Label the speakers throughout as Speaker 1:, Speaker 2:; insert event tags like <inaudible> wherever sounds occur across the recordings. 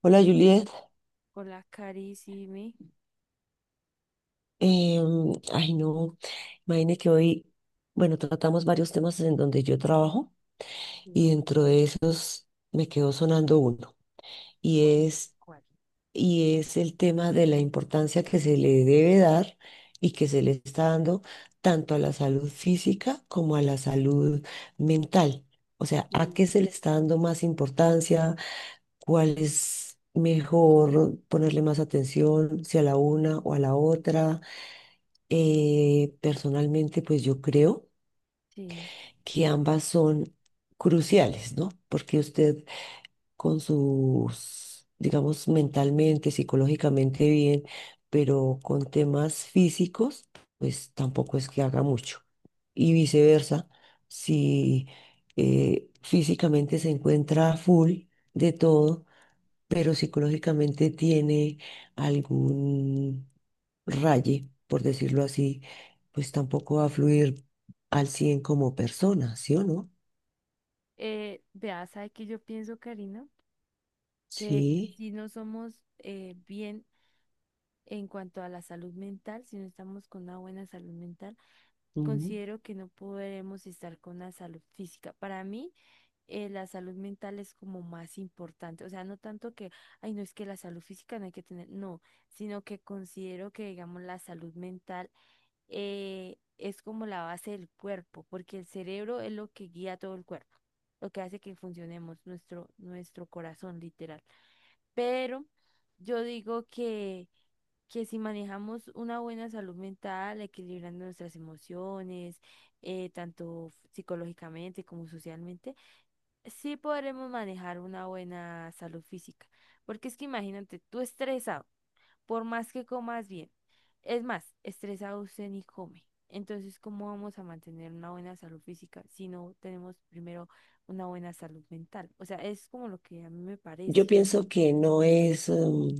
Speaker 1: Hola Juliet,
Speaker 2: Hola, Cari, sí, mi.
Speaker 1: Ay no, imagine que hoy, bueno, tratamos varios temas en donde yo trabajo y
Speaker 2: Sí,
Speaker 1: dentro de esos me quedó sonando uno y
Speaker 2: ¿cuál?
Speaker 1: es,
Speaker 2: ¿Cuál?
Speaker 1: y es el tema de la importancia que se le debe dar y que se le está dando tanto a la salud física como a la salud mental. O sea, ¿a
Speaker 2: Sí.
Speaker 1: qué se le está dando más importancia? ¿Cuál es mejor ponerle más atención, si a la una o a la otra? Personalmente, pues yo creo
Speaker 2: Sí.
Speaker 1: que ambas son cruciales, ¿no? Porque usted con sus, digamos, mentalmente, psicológicamente bien, pero con temas físicos, pues tampoco es que haga mucho. Y viceversa, si físicamente se encuentra full de todo, pero psicológicamente tiene algún raye, por decirlo así, pues tampoco va a fluir al 100 como persona, ¿sí o no?
Speaker 2: Vea, ¿sabe qué yo pienso, Karina? Que
Speaker 1: Sí.
Speaker 2: si no somos bien en cuanto a la salud mental, si no estamos con una buena salud mental,
Speaker 1: Mm.
Speaker 2: considero que no podremos estar con la salud física. Para mí, la salud mental es como más importante. O sea, no tanto que, ay, no es que la salud física no hay que tener, no, sino que considero que, digamos, la salud mental es como la base del cuerpo, porque el cerebro es lo que guía todo el cuerpo, lo que hace que funcionemos, nuestro corazón, literal. Pero yo digo que si manejamos una buena salud mental, equilibrando nuestras emociones, tanto psicológicamente como socialmente, sí podremos manejar una buena salud física, porque es que imagínate, tú estresado, por más que comas bien, es más, estresado usted ni come. Entonces, ¿cómo vamos a mantener una buena salud física si no tenemos primero una buena salud mental? O sea, es como lo que a mí me
Speaker 1: Yo
Speaker 2: parece.
Speaker 1: pienso que no es,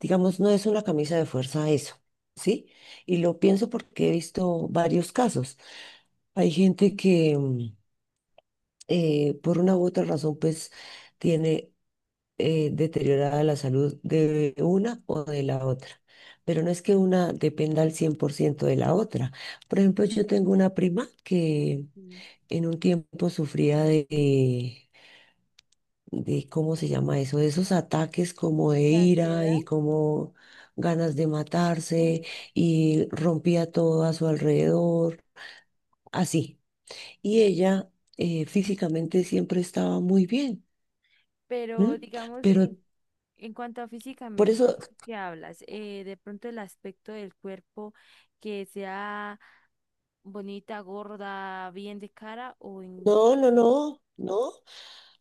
Speaker 1: digamos, no es una camisa de fuerza eso, ¿sí? Y lo pienso porque he visto varios casos. Hay gente que por una u otra razón, pues tiene deteriorada la salud de una o de la otra. Pero no es que una dependa al 100% de la otra. Por ejemplo, yo tengo una prima que
Speaker 2: Sí.
Speaker 1: en un tiempo sufría de ¿cómo se llama eso? De esos ataques como de
Speaker 2: ¿De
Speaker 1: ira
Speaker 2: ansiedad?
Speaker 1: y como ganas de matarse
Speaker 2: Uf,
Speaker 1: y rompía todo a su alrededor, así. Y
Speaker 2: sí.
Speaker 1: ella físicamente siempre estaba muy bien, ¿m?
Speaker 2: Pero digamos,
Speaker 1: Pero
Speaker 2: en cuanto a
Speaker 1: por
Speaker 2: físicamente,
Speaker 1: eso,
Speaker 2: ¿qué hablas? De pronto el aspecto del cuerpo que sea bonita, gorda, bien de cara o en...
Speaker 1: no, no, no, no.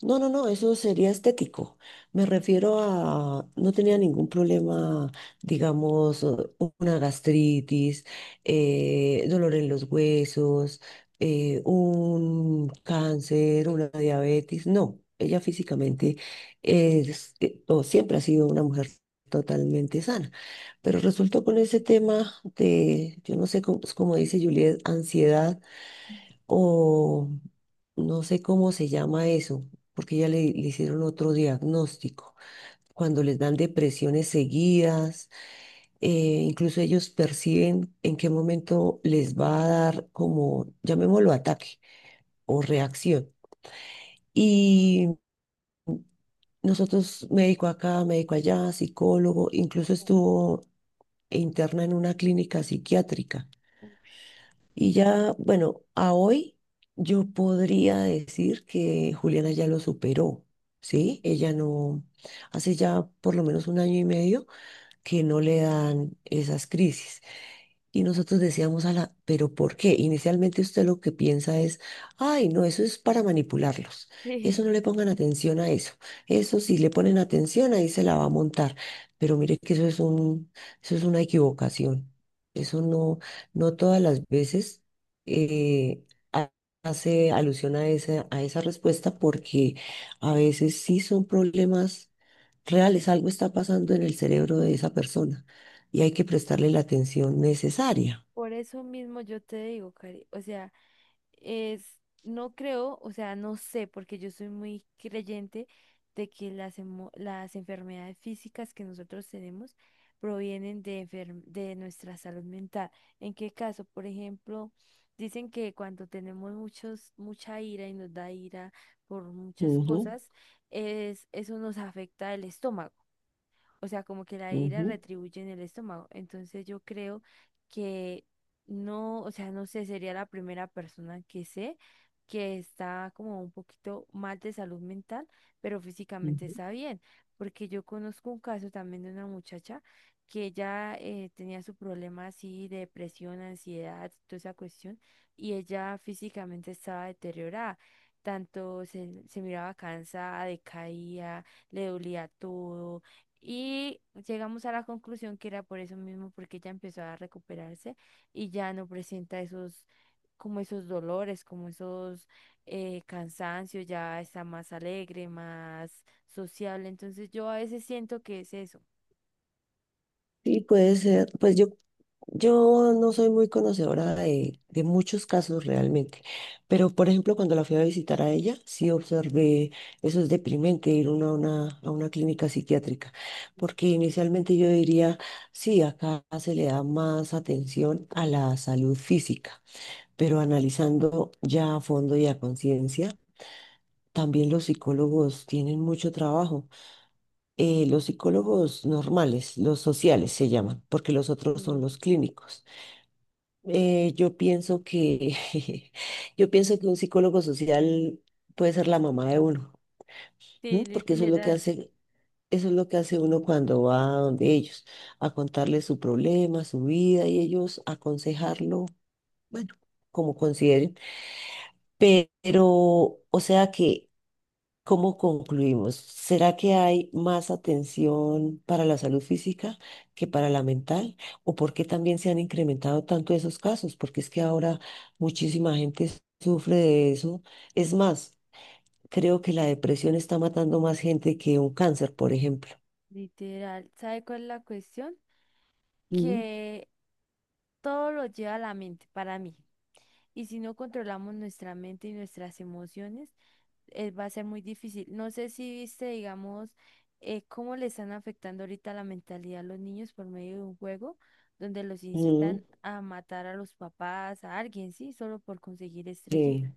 Speaker 1: No, no, no, eso sería estético. Me refiero a, no tenía ningún problema, digamos, una gastritis, dolor en los huesos, un cáncer, una diabetes. No, ella físicamente o siempre ha sido una mujer totalmente sana. Pero resultó con ese tema de, yo no sé cómo, cómo dice Juliet, ansiedad o no sé cómo se llama eso, porque ya le hicieron otro diagnóstico. Cuando les dan depresiones seguidas, eh, incluso ellos perciben en qué momento les va a dar como, llamémoslo ataque o reacción. Y nosotros, médico acá, médico allá, psicólogo, incluso
Speaker 2: <laughs>
Speaker 1: estuvo interna en una clínica psiquiátrica.
Speaker 2: Ush.
Speaker 1: Y ya, bueno, a hoy yo podría decir que Juliana ya lo superó, ¿sí? Ella no, hace ya por lo menos un año y medio que no le dan esas crisis. Y nosotros decíamos a la, pero ¿por qué? Inicialmente usted lo que piensa es, ay, no, eso es para manipularlos. Eso
Speaker 2: Sí,
Speaker 1: no le pongan atención a eso. Eso si le ponen atención, ahí se la va a montar. Pero mire que eso es una equivocación. Eso no, no todas las veces eh, ha- hace alusión a a esa respuesta porque a veces sí son problemas reales. Algo está pasando en el cerebro de esa persona y hay que prestarle la atención necesaria.
Speaker 2: por eso mismo yo te digo, Cari, o sea, es, no creo, o sea, no sé, porque yo soy muy creyente de que las, las enfermedades físicas que nosotros tenemos provienen de, de nuestra salud mental. ¿En qué caso? Por ejemplo, dicen que cuando tenemos mucha ira y nos da ira por muchas
Speaker 1: Ujú,
Speaker 2: cosas, eso nos afecta el estómago. O sea, como que la ira
Speaker 1: ujú,
Speaker 2: retribuye en el estómago. Entonces yo creo que no, o sea, no sé, sería la primera persona que sé que está como un poquito mal de salud mental, pero físicamente
Speaker 1: ujú.
Speaker 2: está bien. Porque yo conozco un caso también de una muchacha que ella tenía su problema así de depresión, ansiedad, toda esa cuestión, y ella físicamente estaba deteriorada. Tanto se miraba cansada, decaía, le dolía todo y llegamos a la conclusión que era por eso mismo, porque ella empezó a recuperarse y ya no presenta esos, como esos dolores, como esos cansancios, ya está más alegre, más sociable. Entonces yo a veces siento que es eso.
Speaker 1: Sí, puede ser, pues yo no soy muy conocedora de muchos casos realmente, pero por ejemplo cuando la fui a visitar a ella, sí observé, eso es deprimente ir uno a una clínica psiquiátrica, porque inicialmente yo diría, sí, acá se le da más atención a la salud física, pero analizando ya a fondo y a conciencia, también los psicólogos tienen mucho trabajo. Los psicólogos normales, los sociales se llaman, porque los otros son
Speaker 2: Sí,
Speaker 1: los clínicos. Yo pienso que, <laughs> yo pienso que un psicólogo social puede ser la mamá de uno, ¿m?
Speaker 2: sí,
Speaker 1: Porque eso es lo que
Speaker 2: literal,
Speaker 1: hace, eso es lo que hace uno cuando va donde ellos, a contarles su problema, su vida y ellos aconsejarlo, bueno, como consideren. Pero, o sea que ¿cómo concluimos? ¿Será que hay más atención para la salud física que para la mental? ¿O por qué también se han incrementado tanto esos casos? Porque es que ahora muchísima gente sufre de eso. Es más, creo que la depresión está matando más gente que un cáncer, por ejemplo.
Speaker 2: literal. ¿Sabe cuál es la cuestión?
Speaker 1: Mm.
Speaker 2: Que todo lo lleva a la mente para mí. Y si no controlamos nuestra mente y nuestras emociones, va a ser muy difícil. No sé si viste, digamos, cómo le están afectando ahorita la mentalidad a los niños por medio de un juego donde los
Speaker 1: Mm,
Speaker 2: incitan a matar a los papás, a alguien, sí, solo por conseguir estrellitas.
Speaker 1: sí,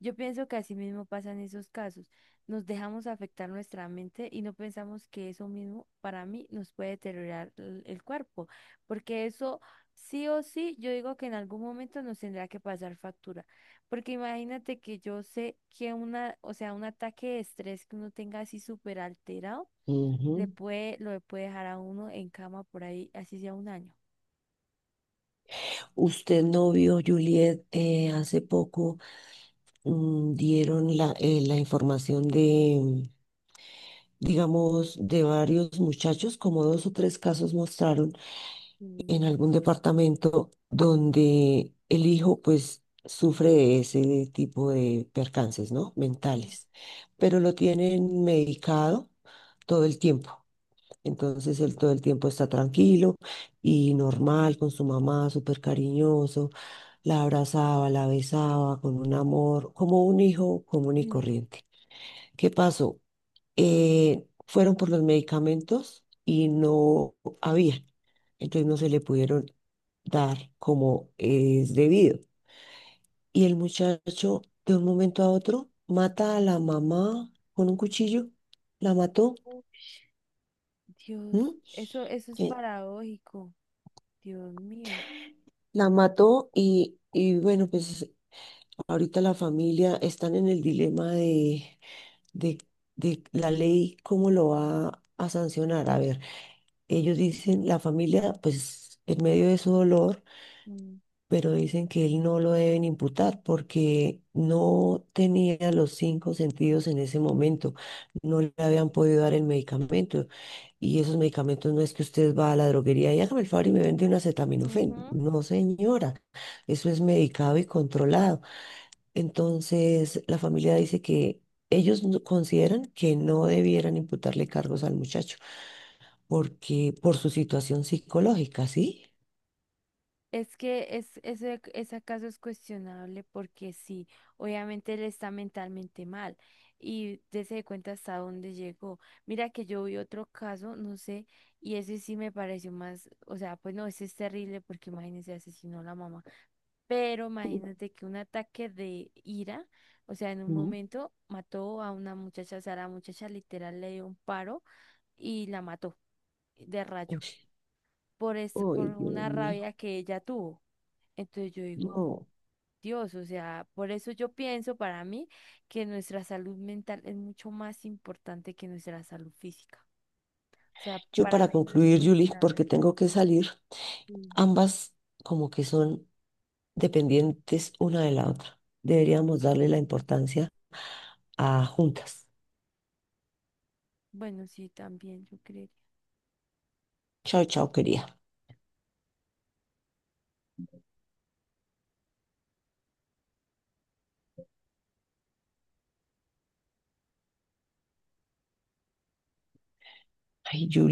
Speaker 2: Yo pienso que así mismo pasan esos casos. Nos dejamos afectar nuestra mente y no pensamos que eso mismo para mí nos puede deteriorar el cuerpo, porque eso sí o sí, yo digo que en algún momento nos tendrá que pasar factura. Porque imagínate que yo sé que una, o sea, un ataque de estrés que uno tenga así súper alterado, le
Speaker 1: ujú.
Speaker 2: puede, lo puede dejar a uno en cama por ahí, así sea un año.
Speaker 1: Usted no vio, Juliet, hace poco dieron la información de digamos, de varios muchachos, como dos o tres casos mostraron
Speaker 2: Mm,
Speaker 1: en algún departamento donde el hijo pues sufre de ese tipo de percances, ¿no?
Speaker 2: mm,
Speaker 1: Mentales, pero lo tienen medicado todo el tiempo. Entonces él todo el tiempo está tranquilo y normal con su mamá, súper cariñoso, la abrazaba, la besaba con un amor, como un hijo común y
Speaker 2: mm.
Speaker 1: corriente. ¿Qué pasó? Fueron por los medicamentos y no había. Entonces no se le pudieron dar como es debido. Y el muchacho de un momento a otro mata a la mamá con un cuchillo, la mató, ¿m?
Speaker 2: Dios, eso es
Speaker 1: Eh,
Speaker 2: paradójico. Dios mío.
Speaker 1: la mató y bueno, pues ahorita la familia están en el dilema de, de la ley, cómo lo va a sancionar. A ver, ellos dicen, la familia, pues en medio de su dolor,
Speaker 2: Mm.
Speaker 1: pero dicen que él no lo deben imputar porque no tenía los cinco sentidos en ese momento, no le habían podido dar el medicamento y esos medicamentos no es que usted va a la droguería y hágame el favor y me vende un acetaminofén.
Speaker 2: Ujú.
Speaker 1: No, señora, eso es medicado y controlado. Entonces, la familia dice que ellos consideran que no debieran imputarle cargos al muchacho porque por su situación psicológica, ¿sí?
Speaker 2: Es que es, ese caso es cuestionable porque sí, obviamente él está mentalmente mal y dése cuenta hasta dónde llegó. Mira que yo vi otro caso, no sé, y ese sí me pareció más, o sea, pues no, ese es terrible porque imagínese, asesinó a la mamá, pero imagínate que un ataque de ira, o sea, en un
Speaker 1: Ujú.
Speaker 2: momento mató a una muchacha, o sea, la muchacha literal le dio un paro y la mató de rayo por, es, por
Speaker 1: Ay, Dios
Speaker 2: una
Speaker 1: mío.
Speaker 2: rabia que ella tuvo. Entonces yo digo,
Speaker 1: No.
Speaker 2: Dios, o sea, por eso yo pienso para mí que nuestra salud mental es mucho más importante que nuestra salud física. O sea,
Speaker 1: Yo
Speaker 2: para
Speaker 1: para
Speaker 2: mí no es
Speaker 1: concluir, Julie,
Speaker 2: cuestionable.
Speaker 1: porque tengo que salir,
Speaker 2: Mm.
Speaker 1: ambas como que son dependientes una de la otra. Deberíamos darle la importancia a juntas.
Speaker 2: Bueno, sí, también yo creo.
Speaker 1: Chao, chao, querida. Ay, Julie.